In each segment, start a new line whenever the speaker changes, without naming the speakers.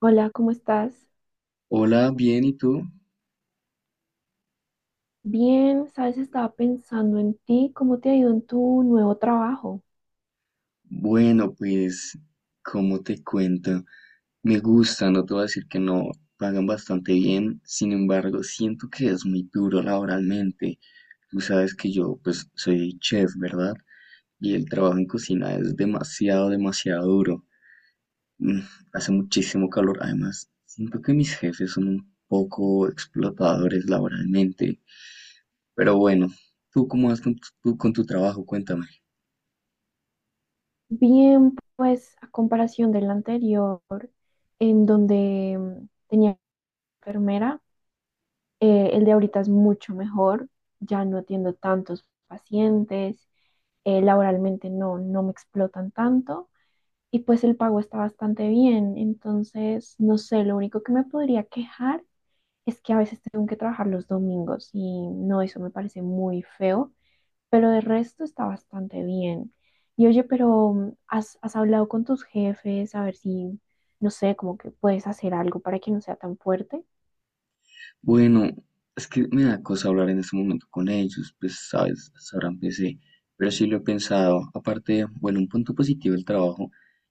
Hola, ¿cómo estás?
Hola, bien, ¿y tú?
Bien, sabes, estaba pensando en ti, ¿cómo te ha ido en tu nuevo trabajo?
Bueno, pues, ¿como te cuento? Me gusta, no te voy a decir que no, pagan bastante bien, sin embargo, siento que es muy duro laboralmente. Tú sabes que yo, pues, soy chef, ¿verdad? Y el trabajo en cocina es demasiado, demasiado duro. Mm, Hace muchísimo calor, además, siento que mis jefes son un poco explotadores laboralmente. Pero bueno, ¿tú cómo vas con tu, tú con tu trabajo? Cuéntame.
Bien, pues a comparación del anterior, en donde tenía enfermera, el de ahorita es mucho mejor, ya no atiendo tantos pacientes, laboralmente no me explotan tanto y pues el pago está bastante bien, entonces, no sé, lo único que me podría quejar es que a veces tengo que trabajar los domingos y no, eso me parece muy feo, pero de resto está bastante bien. Y oye, pero has hablado con tus jefes a ver si, no sé, como que puedes hacer algo para que no sea tan fuerte?
Bueno, es que me da cosa hablar en este momento con ellos, pues sabes, sabrán ahora empecé, pero sí lo he pensado. Aparte, bueno, un punto positivo del trabajo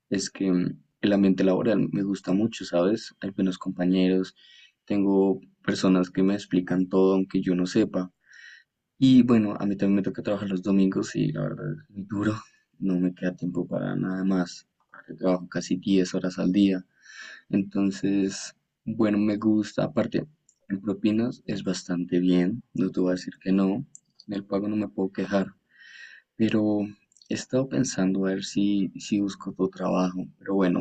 es que el ambiente laboral me gusta mucho, ¿sabes? Hay buenos compañeros, tengo personas que me explican todo aunque yo no sepa. Y bueno, a mí también me toca trabajar los domingos y la verdad es muy duro, no me queda tiempo para nada más. Aparte, trabajo casi 10 horas al día. Entonces, bueno, me gusta. Aparte, en propinas es bastante bien, no te voy a decir que no. En el pago no me puedo quejar. Pero he estado pensando a ver si busco otro trabajo. Pero bueno,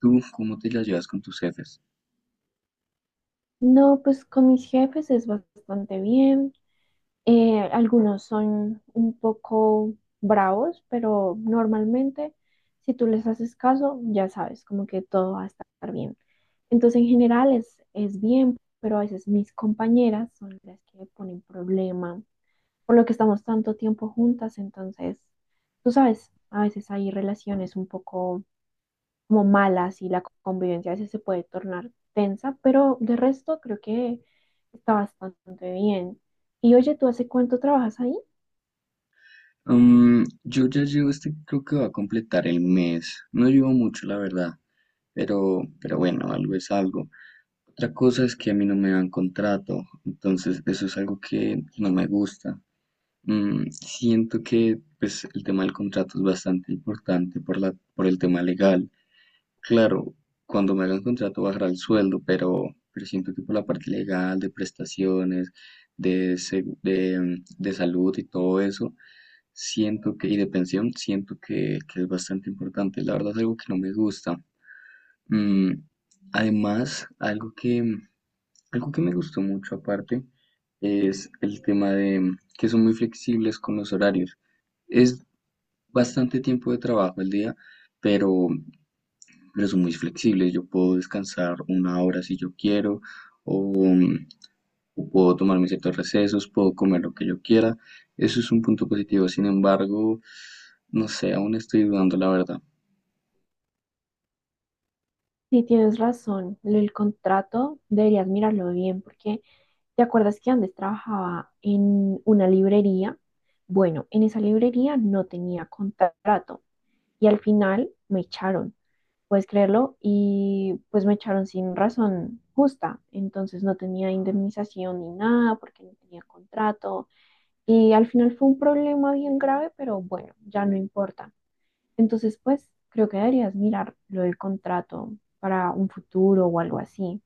¿tú cómo te la llevas con tus jefes?
No, pues con mis jefes es bastante bien. Algunos son un poco bravos, pero normalmente si tú les haces caso, ya sabes, como que todo va a estar bien. Entonces, en general es bien, pero a veces mis compañeras son las que me ponen problema, por lo que estamos tanto tiempo juntas, entonces, tú sabes, a veces hay relaciones un poco como malas y la convivencia a veces se puede tornar tensa, pero de resto creo que está bastante bien. Y oye, ¿tú hace cuánto trabajas ahí?
Mm, yo ya llevo este, creo que va a completar el mes. No llevo mucho, la verdad. Pero bueno, algo es algo. Otra cosa es que a mí no me dan contrato. Entonces, eso es algo que no me gusta. Siento que pues, el tema del contrato es bastante importante por por el tema legal. Claro, cuando me hagan contrato bajará el sueldo, pero siento que por la parte legal, de prestaciones, de, segu- de, de salud y todo eso, siento que, y de pensión, siento que es bastante importante. La verdad es algo que no me gusta. Mm, Además, algo que me gustó mucho aparte es el tema de que son muy flexibles con los horarios. Es bastante tiempo de trabajo al día, pero, pero son muy flexibles. Yo puedo descansar una hora si yo quiero, o, mm, o puedo tomarme ciertos recesos, puedo comer lo que yo quiera. Eso es un punto positivo. Sin embargo, no sé, aún estoy dudando, la verdad.
Sí, tienes razón, el contrato deberías mirarlo bien porque ¿te acuerdas que antes trabajaba en una librería? Bueno, en esa librería no tenía contrato y al final me echaron, puedes creerlo, y pues me echaron sin razón justa, entonces no tenía indemnización ni nada porque no tenía contrato y al final fue un problema bien grave, pero bueno, ya no importa. Entonces, pues creo que deberías mirar lo del contrato para un futuro o algo así.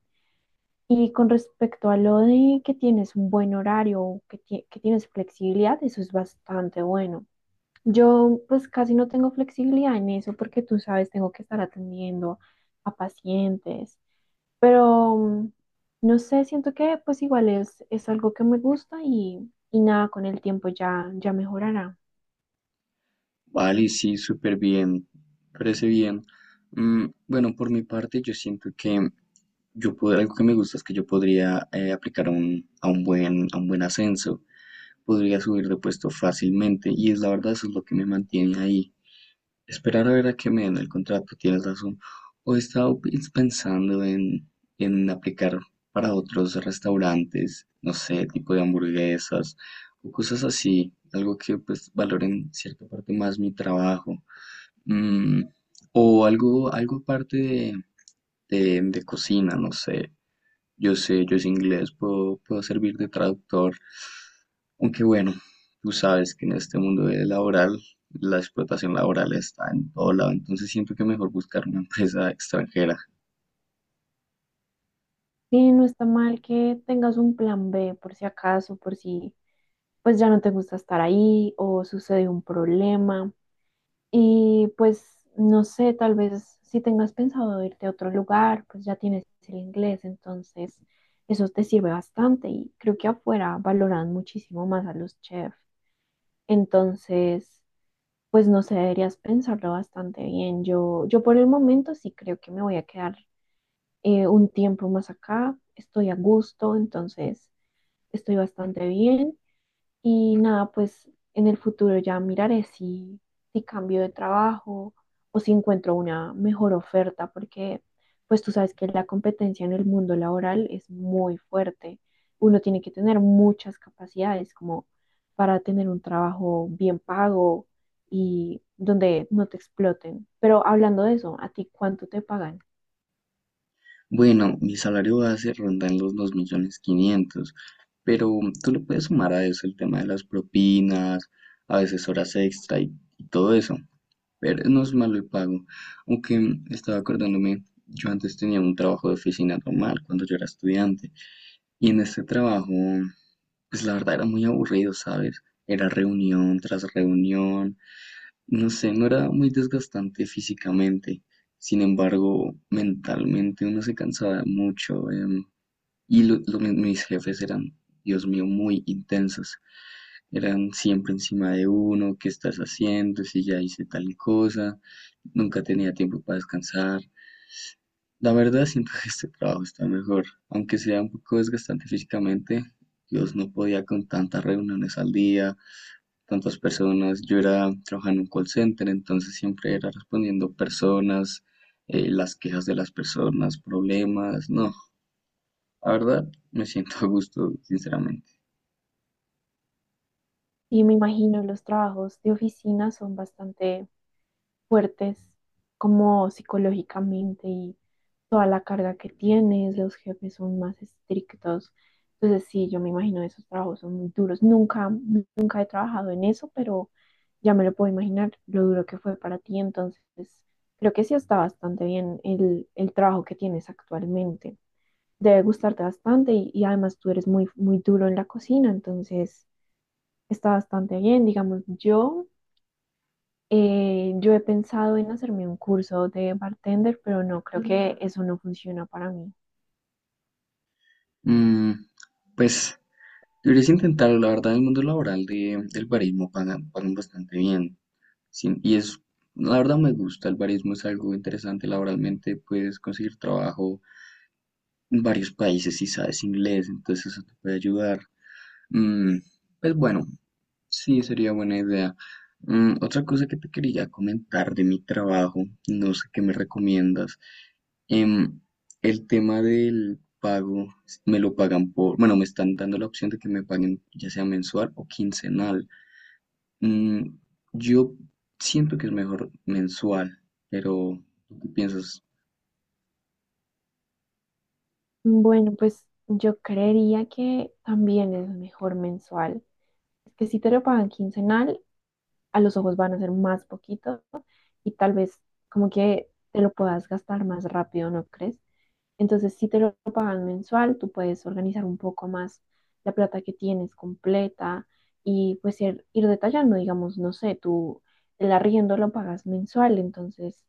Y con respecto a lo de que tienes un buen horario, o que tienes flexibilidad, eso es bastante bueno. Yo pues casi no tengo flexibilidad en eso porque tú sabes, tengo que estar atendiendo a pacientes, pero no sé, siento que pues igual es algo que me gusta y nada, con el tiempo ya mejorará.
Vale, sí, súper bien. Parece bien. Bueno, por mi parte, yo siento que yo pod- algo que me gusta es que yo podría aplicar a un buen ascenso. Podría subir de puesto fácilmente y es la verdad, eso es lo que me mantiene ahí. Esperar a ver a que me den el contrato, tienes razón. O he estado pensando en aplicar para otros restaurantes, no sé, tipo de hamburguesas o cosas así, algo que pues valoren cierta parte más mi trabajo. Mm, o algo aparte de, de cocina, no sé, yo sé, yo sé inglés, puedo servir de traductor, aunque bueno, tú sabes que en este mundo de laboral la explotación laboral está en todo lado, entonces siento que mejor buscar una empresa extranjera.
Sí, no está mal que tengas un plan B por si acaso, por si pues ya no te gusta estar ahí o sucede un problema. Y pues, no sé, tal vez si tengas pensado irte a otro lugar, pues ya tienes el inglés, entonces eso te sirve bastante y creo que afuera valoran muchísimo más a los chefs. Entonces, pues no sé, deberías pensarlo bastante bien. Yo por el momento sí creo que me voy a quedar un tiempo más acá, estoy a gusto, entonces estoy bastante bien. Y nada, pues en el futuro ya miraré si cambio de trabajo o si encuentro una mejor oferta, porque pues tú sabes que la competencia en el mundo laboral es muy fuerte. Uno tiene que tener muchas capacidades como para tener un trabajo bien pago y donde no te exploten. Pero hablando de eso, ¿a ti cuánto te pagan?
Bueno, mi salario base ronda en los 2.500.000, pero tú le puedes sumar a eso el tema de las propinas, a veces horas extra y todo eso, pero no es malo el pago, aunque estaba acordándome, yo antes tenía un trabajo de oficina normal cuando yo era estudiante. Y en este trabajo, pues la verdad era muy aburrido, ¿sabes? Era reunión tras reunión, no sé, no era muy desgastante físicamente, sin embargo, mentalmente uno se cansaba mucho, y mis jefes eran, Dios mío, muy intensos, eran siempre encima de uno, ¿qué estás haciendo? Si ya hice tal cosa, nunca tenía tiempo para descansar, la verdad siento que este trabajo está mejor, aunque sea un poco desgastante físicamente. Dios, no podía con tantas reuniones al día, tantas personas. Yo era trabajando en un call center, entonces siempre era respondiendo personas, las quejas de las personas, problemas. No, la verdad me siento a gusto, sinceramente.
Y me imagino los trabajos de oficina son bastante fuertes como psicológicamente y toda la carga que tienes, los jefes son más estrictos. Entonces, sí, yo me imagino esos trabajos son muy duros. Nunca, nunca he trabajado en eso, pero ya me lo puedo imaginar lo duro que fue para ti. Entonces, creo que sí está bastante bien el trabajo que tienes actualmente. Debe gustarte bastante y además tú eres muy, muy duro en la cocina, entonces está bastante bien. Digamos, yo he pensado en hacerme un curso de bartender, pero no, creo que eso no funciona para mí.
Mm, pues deberías intentarlo, la verdad, en el mundo laboral del barismo pagan bastante bien. Sin- y es, la verdad me gusta, el barismo es algo interesante laboralmente, puedes conseguir trabajo en varios países si sabes inglés, entonces eso te puede ayudar. Mm, pues bueno, sí, sería buena idea. Mm, otra cosa que te quería comentar de mi trabajo, no sé qué me recomiendas. Em, el tema del pago, me lo pagan por, bueno, me están dando la opción de que me paguen ya sea mensual o quincenal. Mm, yo siento que es mejor mensual, pero ¿tú qué piensas?
Bueno, pues yo creería que también es mejor mensual. Es que si te lo pagan quincenal, a los ojos van a ser más poquito y tal vez como que te lo puedas gastar más rápido, ¿no crees? Entonces, si te lo pagan mensual, tú puedes organizar un poco más la plata que tienes completa y pues ir detallando, digamos, no sé, tú el arriendo lo pagas mensual, entonces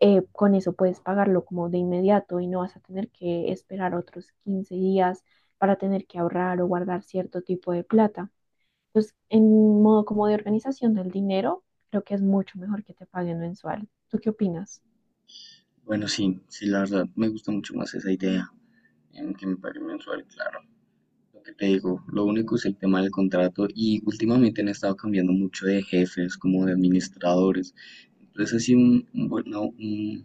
con eso puedes pagarlo como de inmediato y no vas a tener que esperar otros 15 días para tener que ahorrar o guardar cierto tipo de plata. Entonces, en modo como de organización del dinero, creo que es mucho mejor que te paguen mensual. ¿Tú qué opinas?
Bueno, sí, la verdad me gusta mucho más esa idea, en que me pague mensual, claro. Lo que te digo, lo único es el tema del contrato y últimamente han estado cambiando mucho de jefes, como de administradores. Entonces así un vol- no, un-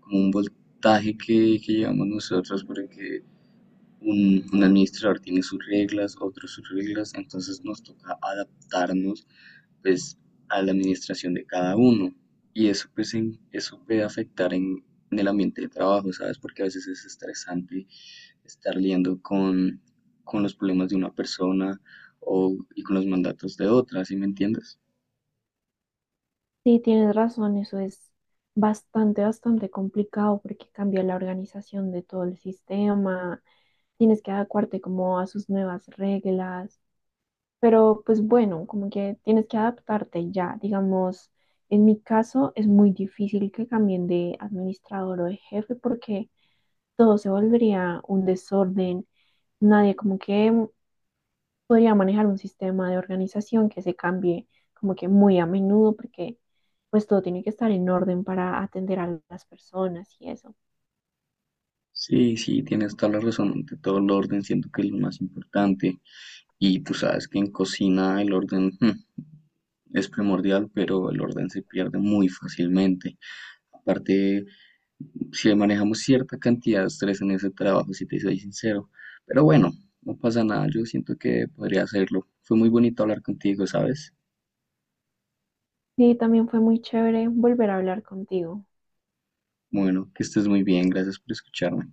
como un voltaje que llevamos nosotros porque un administrador tiene sus reglas, otros sus reglas, entonces nos toca adaptarnos pues a la administración de cada uno. Y eso pues en- eso puede afectar en el ambiente de trabajo, ¿sabes? Porque a veces es estresante estar lidiando con los problemas de una persona y con los mandatos de otra, ¿sí me entiendes?
Sí, tienes razón, eso es bastante, bastante complicado porque cambia la organización de todo el sistema, tienes que adecuarte como a sus nuevas reglas, pero pues bueno, como que tienes que adaptarte ya, digamos, en mi caso es muy difícil que cambien de administrador o de jefe porque todo se volvería un desorden, nadie como que podría manejar un sistema de organización que se cambie como que muy a menudo porque pues todo tiene que estar en orden para atender a las personas y eso.
Sí, tienes toda la razón, ante todo el orden siento que es lo más importante. Y tú sabes que en cocina el orden, es primordial, pero el orden se pierde muy fácilmente. Aparte, si manejamos cierta cantidad de estrés en ese trabajo, si te soy sincero. Pero bueno, no pasa nada, yo siento que podría hacerlo. Fue muy bonito hablar contigo, ¿sabes?
Sí, también fue muy chévere volver a hablar contigo.
Bueno, que estés muy bien, gracias por escucharme.